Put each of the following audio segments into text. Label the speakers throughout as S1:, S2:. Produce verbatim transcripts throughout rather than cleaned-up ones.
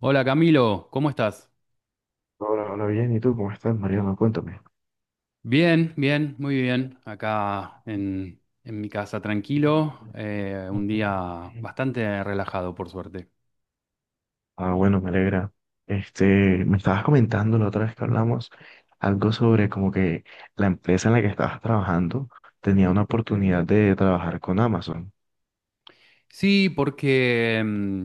S1: Hola Camilo, ¿cómo estás?
S2: Hola, hola, bien. ¿Y tú cómo estás, Mariano? Cuéntame.
S1: Bien, bien, muy bien. Acá en, en mi casa tranquilo, eh, un día bastante relajado por suerte.
S2: Ah, bueno, me alegra. Este, Me estabas comentando la otra vez que hablamos algo sobre como que la empresa en la que estabas trabajando tenía una oportunidad de trabajar con Amazon.
S1: Sí, porque, mm,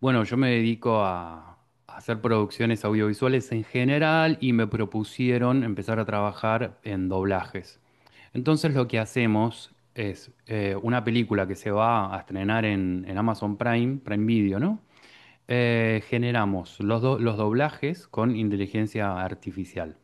S1: bueno, yo me dedico a, a hacer producciones audiovisuales en general y me propusieron empezar a trabajar en doblajes. Entonces lo que hacemos es eh, una película que se va a estrenar en, en Amazon Prime, Prime Video, ¿no? Eh, generamos los, do- los doblajes con inteligencia artificial.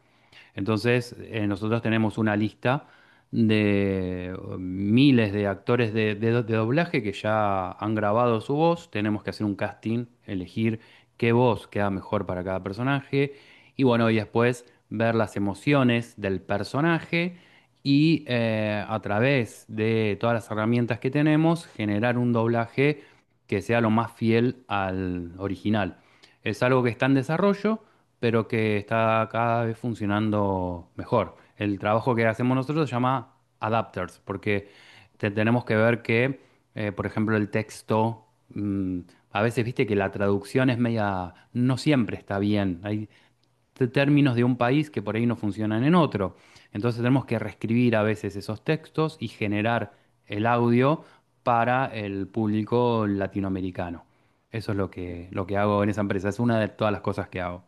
S1: Entonces, eh, nosotros tenemos una lista de miles de actores de, de- do- de doblaje que ya han grabado su voz. Tenemos que hacer un casting, elegir qué voz queda mejor para cada personaje. Y bueno, y después ver las emociones del personaje y eh, a través de todas las herramientas que tenemos, generar un doblaje que sea lo más fiel al original. Es algo que está en desarrollo pero que está cada vez funcionando mejor. El trabajo que hacemos nosotros se llama adapters, porque te- tenemos que ver que, eh, por ejemplo, el texto, mm, a veces viste que la traducción es media, no siempre está bien. Hay t- términos de un país que por ahí no funcionan en otro. Entonces tenemos que reescribir a veces esos textos y generar el audio para el público latinoamericano. Eso es lo que, lo que hago en esa empresa. Es una de todas las cosas que hago.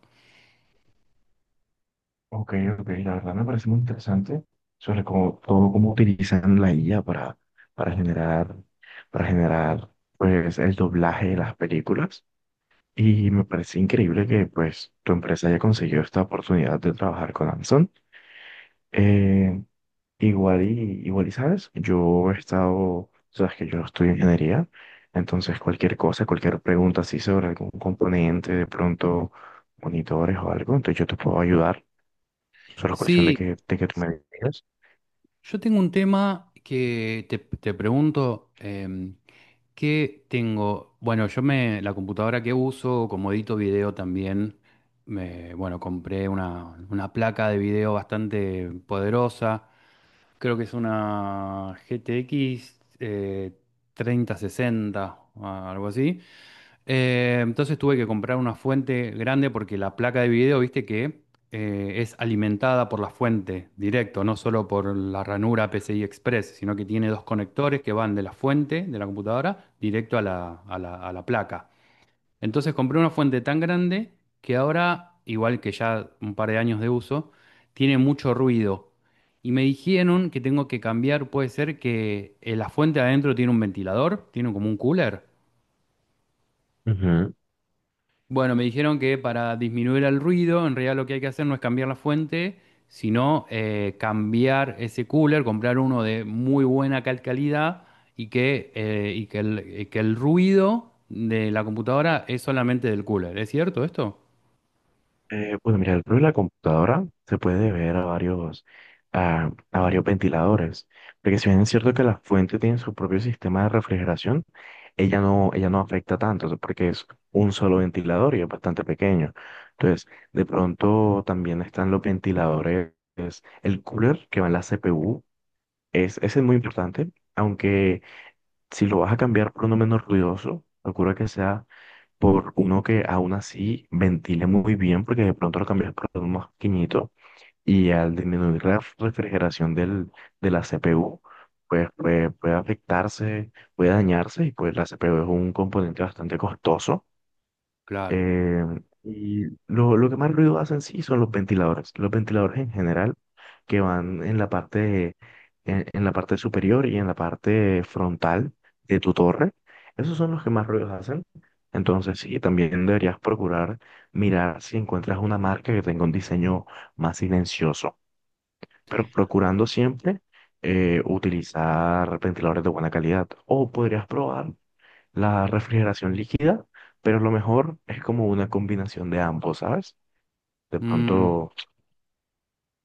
S2: Ok, ok, la verdad me parece muy interesante sobre cómo, todo cómo utilizan la I A para, para generar, para generar pues el doblaje de las películas. Y me parece increíble que pues tu empresa haya conseguido esta oportunidad de trabajar con Amazon. Eh, igual y, igual y sabes, yo he estado, sabes que yo estudio ingeniería, entonces cualquier cosa, cualquier pregunta así sobre algún componente, de pronto monitores o algo, entonces yo te puedo ayudar. Solo es cuestión de
S1: Sí,
S2: que, de que tú me digas.
S1: yo tengo un tema que te, te pregunto, em, ¿qué tengo? Bueno, yo me, la computadora que uso, como edito video también, me, bueno, compré una, una placa de video bastante poderosa, creo que es una G T X eh, treinta sesenta o algo así. Eh, entonces tuve que comprar una fuente grande porque la placa de video, viste que eh, es alimentada por la fuente directo, no solo por la ranura P C I Express, sino que tiene dos conectores que van de la fuente de la computadora directo a la, a la- a la placa. Entonces compré una fuente tan grande que ahora, igual que ya un par de años de uso, tiene mucho ruido. Y me dijeron que tengo que cambiar, puede ser que eh, la fuente adentro tiene un ventilador, tiene como un cooler. Bueno, me dijeron que para disminuir el ruido, en realidad lo que hay que hacer no es cambiar la fuente, sino eh, cambiar ese cooler, comprar uno de muy buena cal- calidad y que, eh, y que el, y que el ruido de la computadora es solamente del cooler. ¿Es cierto esto?
S2: Eh, bueno, mira, el problema de la computadora se puede ver a varios, a, a varios ventiladores, porque si bien es cierto que la fuente tiene su propio sistema de refrigeración, ella no, ella no afecta tanto, o sea, porque es un solo ventilador y es bastante pequeño. Entonces, de pronto también están los ventiladores, el cooler que va en la C P U, es, ese es muy importante, aunque si lo vas a cambiar por uno menos ruidoso, procura que sea por uno que aún así ventile muy bien, porque de pronto lo cambias por uno más pequeñito y al disminuir la refrigeración del, de la C P U, pues puede, puede afectarse, puede dañarse y pues la C P U es un componente bastante costoso.
S1: Claro.
S2: Eh, y lo, lo que más ruido hacen sí son los ventiladores. Los ventiladores en general que van en la parte, en, en la parte superior y en la parte frontal de tu torre. Esos son los que más ruidos hacen. Entonces sí, también deberías procurar mirar si encuentras una marca que tenga un diseño más silencioso, pero procurando siempre eh, utilizar ventiladores de buena calidad. O podrías probar la refrigeración líquida, pero lo mejor es como una combinación de ambos, ¿sabes? De
S1: Mm,
S2: pronto,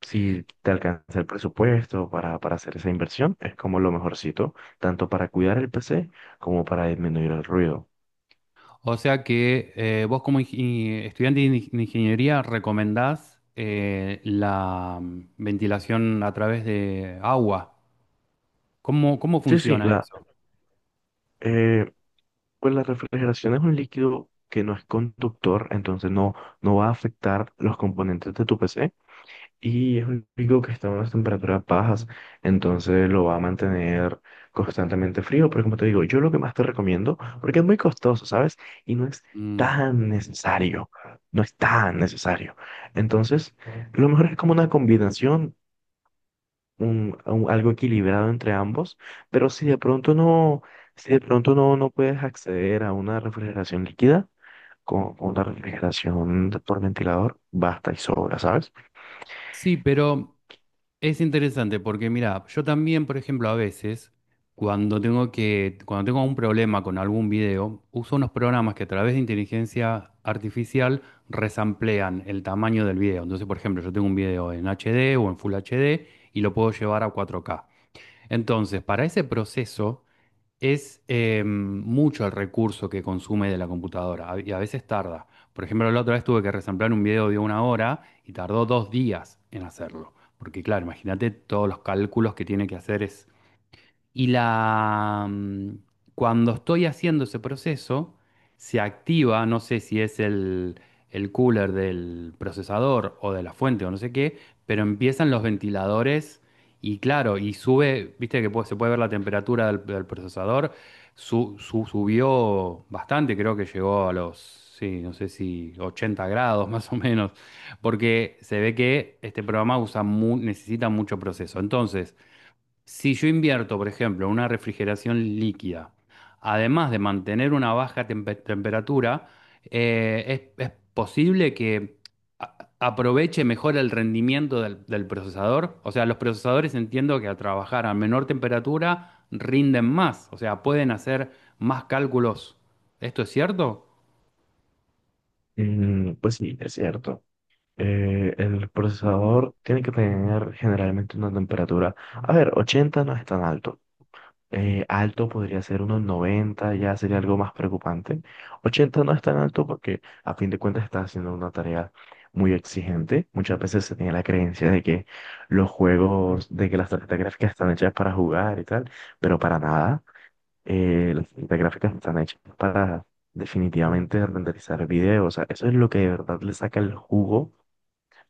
S2: si te alcanza el presupuesto para, para hacer esa inversión, es como lo mejorcito, tanto para cuidar el P C como para disminuir el ruido.
S1: o sea que eh, vos como ingi- estudiante de ing- de ingeniería recomendás eh, la mm, ventilación a través de agua. ¿Cómo, cómo
S2: Sí, sí,
S1: funciona
S2: la,
S1: eso?
S2: eh, pues la refrigeración es un líquido que no es conductor, entonces no, no va a afectar los componentes de tu P C. Y es un pico que está a unas temperaturas bajas, entonces lo va a mantener constantemente frío. Pero como te digo, yo lo que más te recomiendo, porque es muy costoso, ¿sabes? Y no es
S1: Mm.
S2: tan necesario, no es tan necesario. Entonces, lo mejor es como una combinación, un, un- algo equilibrado entre ambos. Pero si de pronto no, si de pronto no, no puedes acceder a una refrigeración líquida, con, con una refrigeración por ventilador, basta y sobra, ¿sabes?
S1: Sí, pero es interesante porque mira, yo también, por ejemplo, a veces cuando tengo que, cuando tengo un problema con algún video, uso unos programas que a través de inteligencia artificial resamplean el tamaño del video. Entonces, por ejemplo, yo tengo un video en H D o en Full H D y lo puedo llevar a cuatro k. Entonces, para ese proceso es eh, mucho el recurso que consume de la computadora a- y a veces tarda. Por ejemplo, la otra vez tuve que resamblar un video de una hora y tardó dos días en hacerlo. Porque claro, imagínate todos los cálculos que tiene que hacer es y la, mm, cuando estoy haciendo ese proceso, se activa, no sé si es el, el cooler del procesador o de la fuente o no sé qué, pero empiezan los ventiladores y claro, y sube, viste que pu- se puede ver la temperatura del, del procesador, su- su- subió bastante, creo que llegó a los, sí, no sé si ochenta grados más o menos, porque se ve que este programa usa mu- necesita mucho proceso. Entonces, si yo invierto, por ejemplo, en una refrigeración líquida, además de mantener una baja tempe- temperatura, eh, es, es posible que a- aproveche mejor el rendimiento del, del procesador. O sea, los procesadores entiendo que al trabajar a menor temperatura rinden más, o sea, pueden hacer más cálculos. ¿Esto es cierto?
S2: Mm, pues sí, es cierto. Eh, el procesador tiene que tener generalmente una temperatura. A ver, ochenta no es tan alto. Eh, alto podría ser unos noventa, ya sería algo más preocupante. Ochenta no es tan alto porque a fin de cuentas está haciendo una tarea muy exigente. Muchas veces se tiene la creencia de que los juegos, de que las tarjetas gráficas están hechas para jugar y tal, pero para nada. Eh, las tarjetas gráficas están hechas para definitivamente renderizar videos. O sea, eso es lo que de verdad le saca el jugo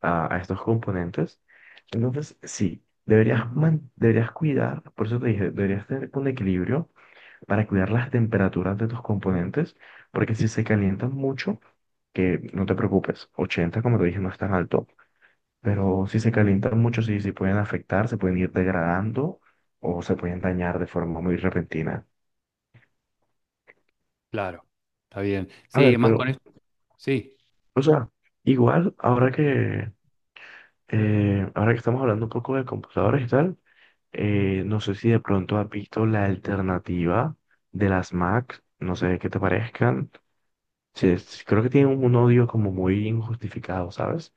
S2: a, a estos componentes. Entonces, sí, deberías, man- deberías cuidar, por eso te dije, deberías tener un equilibrio para cuidar las temperaturas de tus componentes, porque si se calientan mucho, que no te preocupes, ochenta como te dije, no es tan alto, pero si se calientan mucho, sí, sí pueden afectar, se pueden ir degradando o se pueden dañar de forma muy repentina.
S1: Claro, está bien.
S2: A
S1: Sí,
S2: ver,
S1: más con
S2: pero,
S1: esto. Sí,
S2: o sea, igual, ahora que, eh, ahora que estamos hablando un poco de computadores y tal. Eh, no sé si de pronto has visto la alternativa de las Macs, no sé qué te parezcan. Sí, es- creo que tienen un odio como muy injustificado, ¿sabes?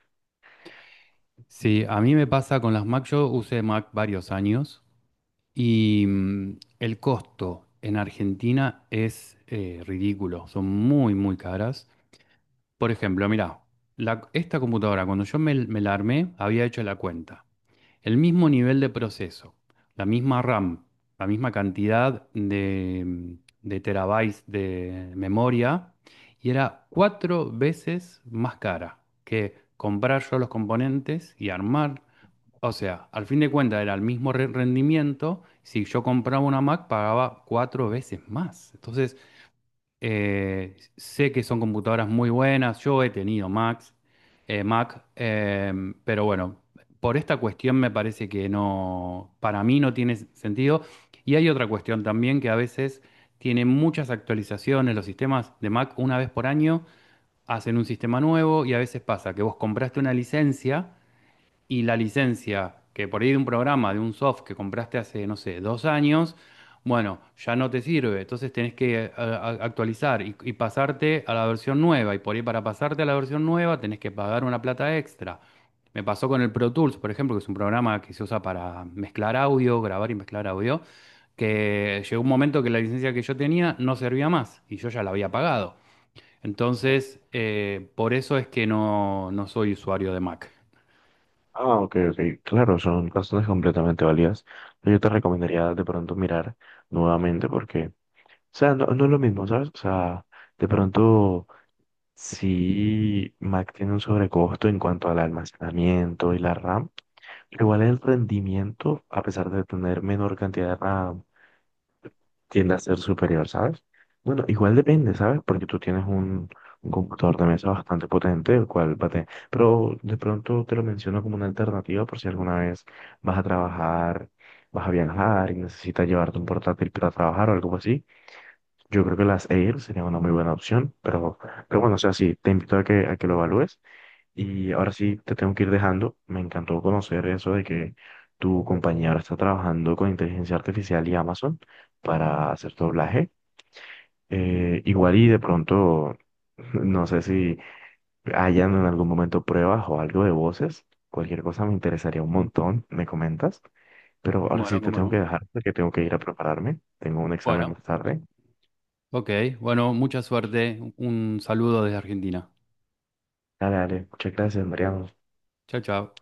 S1: sí, a mí me pasa con las Mac, yo usé Mac varios años. Y mm, el costo en Argentina es eh, ridículo, son muy, muy caras. Por ejemplo, mirá, la- esta computadora, cuando yo me, me la armé, había hecho la cuenta. El mismo nivel de proceso, la misma RAM, la misma cantidad de, mm, de terabytes de memoria, y era cuatro veces más cara que comprar yo los componentes y armar, o sea, al fin de cuentas era el mismo re- rendimiento. Si yo compraba una Mac, pagaba cuatro veces más. Entonces, eh, sé que son computadoras muy buenas. Yo he tenido Macs, eh, Mac, em, pero bueno, por esta cuestión me parece que no, para mí no tiene sentido. Y hay otra cuestión también que a veces tienen muchas actualizaciones. Los sistemas de Mac, una vez por año, hacen un sistema nuevo y a veces pasa que vos compraste una licencia y la licencia, que por ahí de un programa, de un soft que compraste hace, no sé, dos años, bueno, ya no te sirve. Entonces tenés que eh, a- a- actualizar y, y pasarte a la versión nueva. Y por ahí para pasarte a la versión nueva tenés que pagar una plata extra. Me pasó con el Pro Tools, por ejemplo, que es un programa que se usa para mezclar audio, grabar y mezclar audio, que llegó un momento que la licencia que yo tenía no servía más y yo ya la había pagado. Entonces, eh, por eso es que no, no soy usuario de Mac.
S2: Ah, ok, ok, claro, son razones completamente válidas. Yo te recomendaría de pronto mirar nuevamente porque, o sea, no, no es lo mismo, ¿sabes? O sea, de pronto sí Mac tiene un sobrecosto en cuanto al almacenamiento y la RAM, pero igual el rendimiento, a pesar de tener menor cantidad de RAM, tiende a ser superior, ¿sabes? Bueno, igual depende, ¿sabes? Porque tú tienes un, un computador de mesa bastante potente, el cual va a tener. Pero de pronto te lo menciono como una alternativa por si alguna vez vas a trabajar, vas a viajar y necesitas llevarte un portátil para trabajar o algo así. Yo creo que las Air sería una muy buena opción, pero, pero bueno, o sea, sí, te invito a que, a que, lo evalúes. Y ahora sí te tengo que ir dejando. Me encantó conocer eso de que tu compañía ahora está trabajando con inteligencia artificial y Amazon para hacer tu doblaje. Eh, igual y de pronto, no sé si hayan en algún momento pruebas o algo de voces. Cualquier cosa me interesaría un montón, me comentas. Pero ahora
S1: Bueno,
S2: sí te
S1: cómo
S2: tengo
S1: no.
S2: que dejar porque tengo que ir a prepararme. Tengo un examen
S1: Bueno,
S2: más tarde.
S1: ok. Bueno, mucha suerte. Un saludo desde Argentina.
S2: Dale, dale. Muchas gracias, Mariano.
S1: Chao, chao.